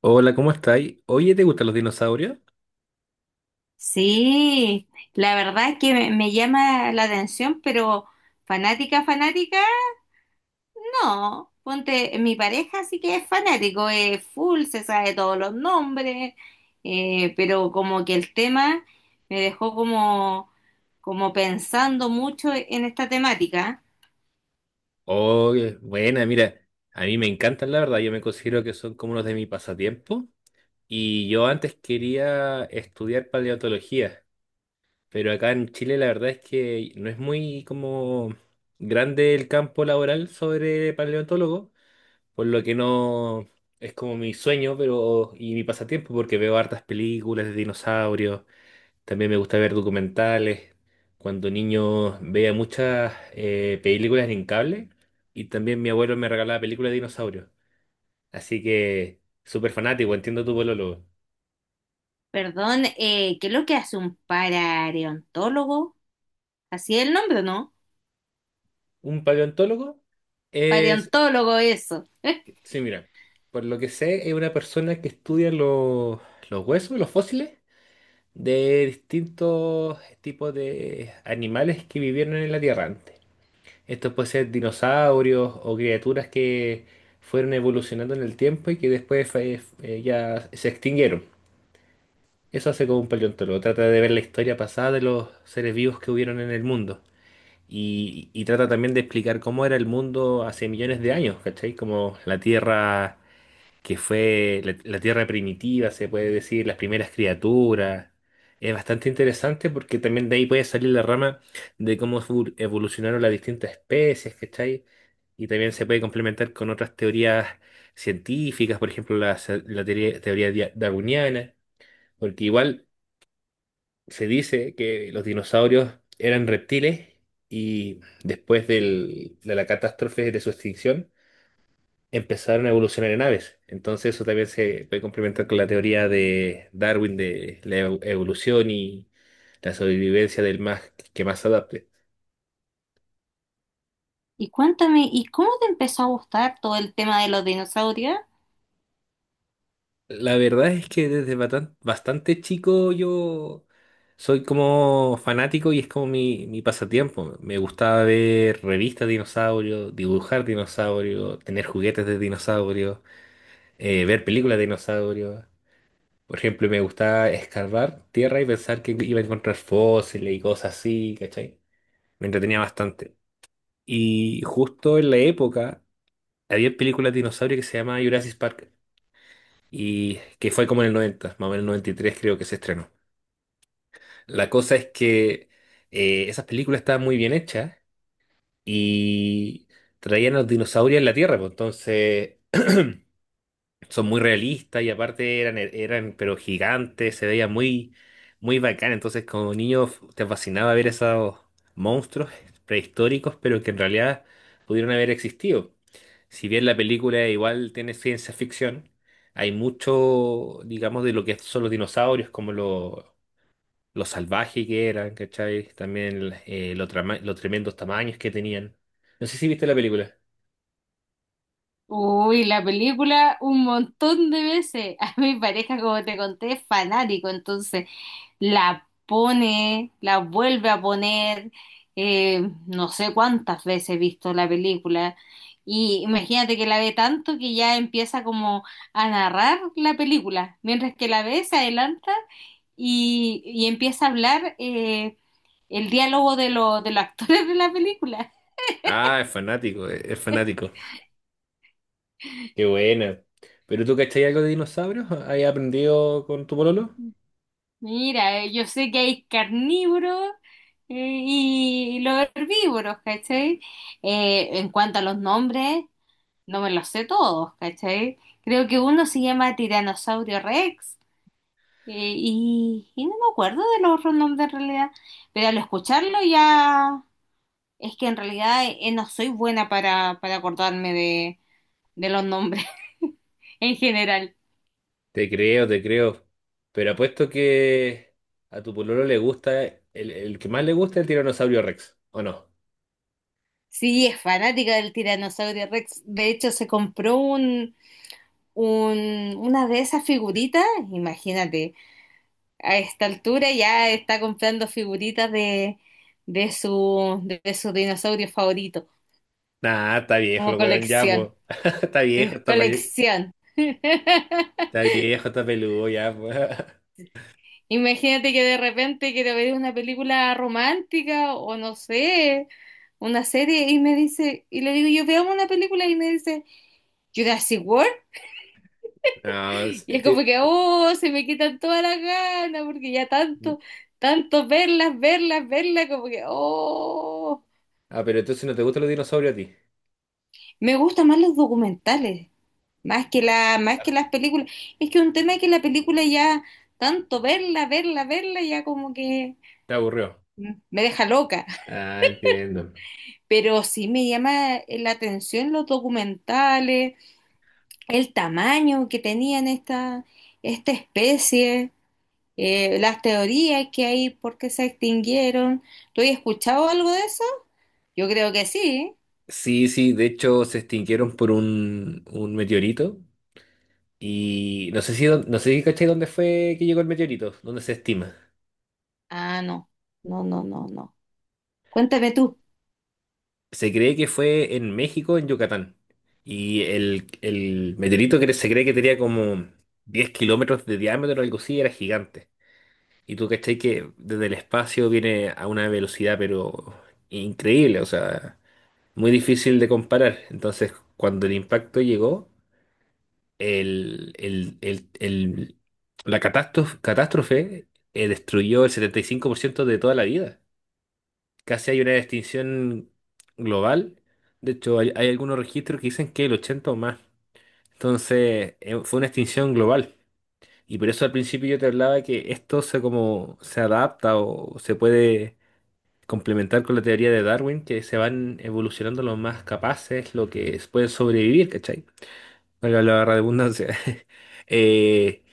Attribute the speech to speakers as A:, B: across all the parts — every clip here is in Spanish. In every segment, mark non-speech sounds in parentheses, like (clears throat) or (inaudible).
A: Hola, ¿cómo estáis? Oye, ¿te gustan los dinosaurios?
B: Sí, la verdad es que me llama la atención, pero fanática, fanática, no. Ponte, mi pareja sí que es fanático, es full, se sabe todos los nombres, pero como que el tema me dejó como, como pensando mucho en esta temática.
A: Oye, buena, mira, a mí me encantan, la verdad, yo me considero que son como unos de mi pasatiempo y yo antes quería estudiar paleontología, pero acá en Chile la verdad es que no es muy como grande el campo laboral sobre paleontólogo, por lo que no es como mi sueño, pero y mi pasatiempo porque veo hartas películas de dinosaurios. También me gusta ver documentales. Cuando niño veía muchas películas en cable y también mi abuelo me regalaba películas de dinosaurios. Así que súper fanático, entiendo tu polólogo.
B: Perdón, ¿qué es lo que hace un paraontólogo? Así es el nombre, ¿no?
A: Un paleontólogo es,
B: Paraontólogo, eso. (laughs)
A: sí, mira, por lo que sé, es una persona que estudia los huesos, los fósiles de distintos tipos de animales que vivieron en la Tierra. Esto puede ser dinosaurios o criaturas que fueron evolucionando en el tiempo y que después ya se extinguieron. Eso hace como un paleontólogo. Trata de ver la historia pasada de los seres vivos que hubieron en el mundo. Y trata también de explicar cómo era el mundo hace millones de años, ¿cachai? Como la Tierra que fue la tierra primitiva, se puede decir, las primeras criaturas. Es bastante interesante porque también de ahí puede salir la rama de cómo evolucionaron las distintas especies, ¿cachai? Y también se puede complementar con otras teorías científicas, por ejemplo, la teoría darwiniana, porque igual se dice que los dinosaurios eran reptiles y después de la catástrofe de su extinción, empezaron a evolucionar en aves. Entonces eso también se puede complementar con la teoría de Darwin de la evolución y la sobrevivencia del más que más se adapte.
B: Y cuéntame, ¿y cómo te empezó a gustar todo el tema de los dinosaurios?
A: La verdad es que desde bastante chico yo soy como fanático y es como mi pasatiempo. Me gustaba ver revistas de dinosaurios, dibujar dinosaurios, tener juguetes de dinosaurios, ver películas de dinosaurios. Por ejemplo, me gustaba escarbar tierra y pensar que iba a encontrar fósiles y cosas así, ¿cachai? Me entretenía bastante. Y justo en la época había películas de dinosaurio que se llamaba Jurassic Park y que fue como en el 90, más o menos en el 93 creo que se estrenó. La cosa es que esas películas estaban muy bien hechas y traían los dinosaurios en la Tierra, pues entonces son muy realistas y aparte eran pero gigantes, se veía muy, muy bacán. Entonces, como niño te fascinaba ver esos monstruos prehistóricos, pero que en realidad pudieron haber existido. Si bien la película igual tiene ciencia ficción, hay mucho, digamos, de lo que son los dinosaurios, como lo salvaje que eran, ¿cachai? También los tremendos tamaños que tenían. No sé si viste la película.
B: Uy, la película un montón de veces. (laughs) A mi pareja, como te conté, es fanático, entonces la pone, la vuelve a poner, no sé cuántas veces he visto la película. Y imagínate que la ve tanto que ya empieza como a narrar la película, mientras que la ve se adelanta y empieza a hablar. El diálogo de, de los actores de la película.
A: Ah, es fanático, es fanático. Qué buena. ¿Pero tú cachai algo de dinosaurios? ¿Has aprendido con tu pololo?
B: Mira, yo sé que hay carnívoros y los herbívoros, ¿cachai? En cuanto a los nombres, no me los sé todos, ¿cachai? Creo que uno se llama Tiranosaurio Rex y no me acuerdo de los otros nombres en realidad, pero al escucharlo ya es que en realidad no soy buena para acordarme de los nombres (laughs) en general.
A: Te creo, te creo. Pero apuesto que a tu pololo le gusta, el que más le gusta es el tiranosaurio Rex, ¿o no?
B: Sí, es fanática del tiranosaurio Rex. De hecho, se compró un, una de esas figuritas. Imagínate, a esta altura ya está comprando figuritas de su dinosaurio favorito,
A: Nah, está viejo el
B: como
A: weón ya,
B: colección.
A: po. (laughs) Está viejo,
B: Es colección. (laughs)
A: está viejo, está peludo ya, po. (laughs)
B: Imagínate que de repente quiero ver una película romántica o no sé, una serie y me dice, y le digo, yo veamos una película y me dice, Jurassic World.
A: No, es-
B: Y es como
A: te-
B: que, oh, se me quitan todas las ganas, porque ya tanto, tanto verlas, verlas, verlas, como que, oh.
A: Ah, pero entonces no te gustan los dinosaurios a ti.
B: Me gustan más los documentales, más que la, más que las películas. Es que un tema es que la película ya, tanto verla, verla, verla, ya como que
A: Te aburrió.
B: mm, me deja loca.
A: Ah, entiendo.
B: Pero sí me llama la atención los documentales, el tamaño que tenían esta, esta especie. Las teorías que hay por qué se extinguieron. ¿Tú has escuchado algo de eso? Yo creo que sí.
A: Sí, sí, de hecho se extinguieron por un meteorito. Y no sé si cachai dónde fue que llegó el meteorito, dónde se estima.
B: Ah, no, no, no, no, no. Cuéntame tú.
A: Se cree que fue en México, en Yucatán. Y el meteorito que se cree que tenía como 10 kilómetros de diámetro o algo así, era gigante. Y tú cachai que desde el espacio viene a una velocidad pero increíble, o sea, muy difícil de comparar. Entonces, cuando el impacto llegó, el, el, el, el- la catástrofe destruyó el 75% de toda la vida. Casi hay una distinción global. De hecho, hay algunos registros que dicen que el 80 o más. Entonces, fue una extinción global. Y por eso al principio yo te hablaba que esto se como se adapta o se puede complementar con la teoría de Darwin, que se van evolucionando los más capaces, los que pueden sobrevivir, ¿cachai? Valga la redundancia. (laughs) Eh,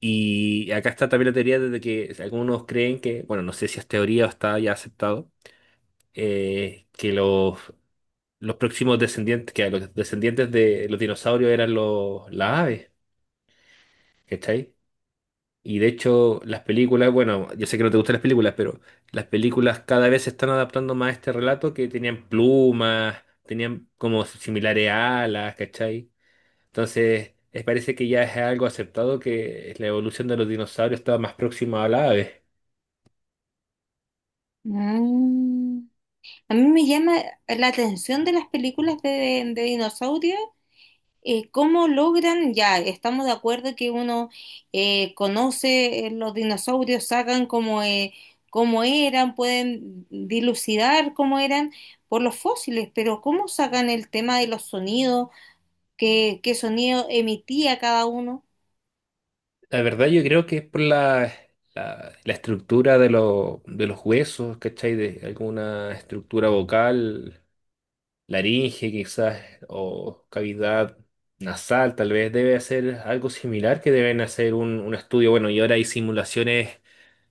A: y acá está también la teoría de que algunos creen que, bueno, no sé si es teoría o está ya aceptado, que los próximos descendientes, que a los descendientes de los dinosaurios eran las aves, ¿cachai? Y de hecho, las películas, bueno, yo sé que no te gustan las películas, pero las películas cada vez se están adaptando más a este relato, que tenían plumas, tenían como similares alas, ¿cachai? Entonces, parece que ya es algo aceptado que la evolución de los dinosaurios estaba más próxima a las aves.
B: Mm. A mí me llama la atención de las películas de dinosaurios, cómo logran, ya, estamos de acuerdo que uno conoce los dinosaurios, sacan cómo, cómo eran, pueden dilucidar cómo eran por los fósiles, pero cómo sacan el tema de los sonidos, qué, qué sonido emitía cada uno.
A: La verdad yo creo que es por la estructura de los huesos, ¿cachai? De alguna estructura vocal, laringe quizás, o cavidad nasal, tal vez debe hacer algo similar, que deben hacer un estudio. Bueno, y ahora hay simulaciones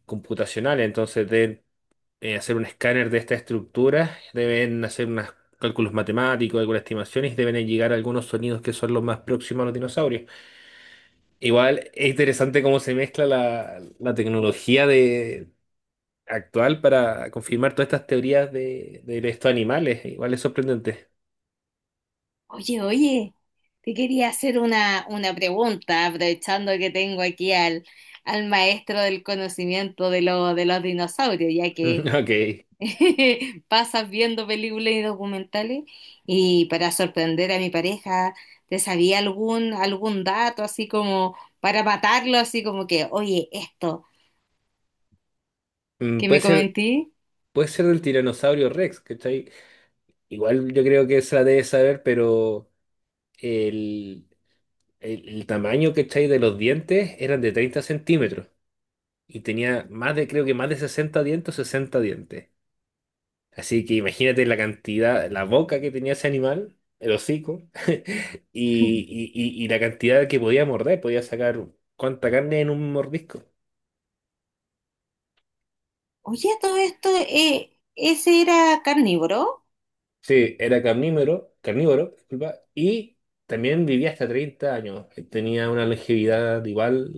A: computacionales, entonces deben hacer un escáner de esta estructura, deben hacer unos cálculos matemáticos, algunas estimaciones, y deben llegar a algunos sonidos que son los más próximos a los dinosaurios. Igual es interesante cómo se mezcla la tecnología de actual para confirmar todas estas teorías de estos animales. Igual es sorprendente. (laughs)
B: Oye, oye, te quería hacer una pregunta, aprovechando que tengo aquí al, al maestro del conocimiento de, de los dinosaurios, ya que
A: Ok.
B: (laughs) pasas viendo películas y documentales, y para sorprender a mi pareja, ¿te sabía algún, algún dato así como para matarlo, así como que, oye, esto
A: Mm,
B: que
A: Puede
B: me
A: ser,
B: comenté?
A: puede ser del tiranosaurio Rex, ¿cachai? Igual yo creo que se la debe saber, pero el, el tamaño, ¿cachai? De los dientes eran de 30 centímetros y tenía más de, creo que más de 60 dientes, 60 dientes. Así que imagínate la cantidad, la boca que tenía ese animal, el hocico, (laughs)
B: (laughs)
A: y la cantidad que podía morder, podía sacar cuánta carne en un mordisco.
B: Oye, todo esto, ¿ese era carnívoro?
A: Sí, era carnívoro, carnívoro, disculpa, y también vivía hasta 30 años. Tenía una longevidad igual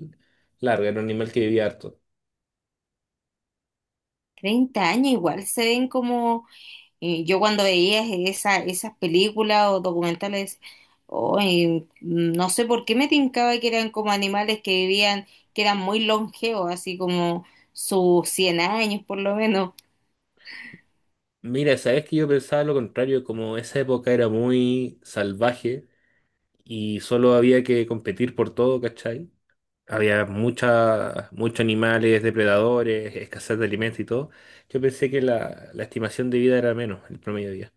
A: larga, era un animal que vivía harto.
B: 30 años igual se ven como yo cuando veía esa, esas películas o documentales, oh, no sé por qué me tincaba que eran como animales que vivían, que eran muy longevos, así como sus 100 años por lo menos.
A: Mira, sabes que yo pensaba lo contrario, como esa época era muy salvaje y solo había que competir por todo, ¿cachai? Había muchos animales, depredadores, escasez de alimentos y todo. Yo pensé que la estimación de vida era menos, el promedio de vida.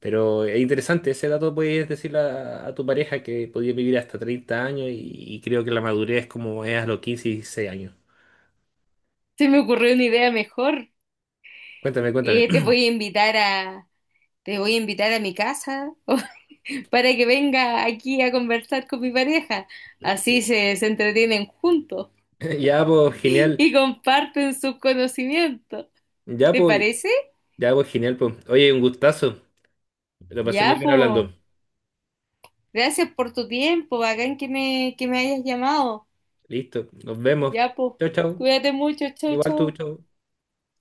A: Pero es interesante, ese dato puedes decirle a tu pareja que podía vivir hasta 30 años y creo que la madurez es como es a los 15 y 16 años.
B: Se me ocurrió una idea mejor.
A: Cuéntame, cuéntame.
B: Te
A: (laughs)
B: voy a invitar a, te voy a invitar a mi casa (laughs) para que venga aquí a conversar con mi pareja. Así se, se entretienen juntos
A: (clears throat) Ya, pues,
B: (laughs)
A: genial.
B: y comparten sus conocimientos.
A: Ya,
B: ¿Te
A: pues,
B: parece?
A: ya, pues, genial, pues. Oye, un gustazo. Lo pasé muy
B: Ya,
A: bien
B: po.
A: hablando.
B: Gracias por tu tiempo. Bacán que me hayas llamado.
A: Listo, nos vemos.
B: Ya, po.
A: Chau, chau.
B: Cuídate mucho. Chau,
A: Igual tú,
B: chau.
A: chau.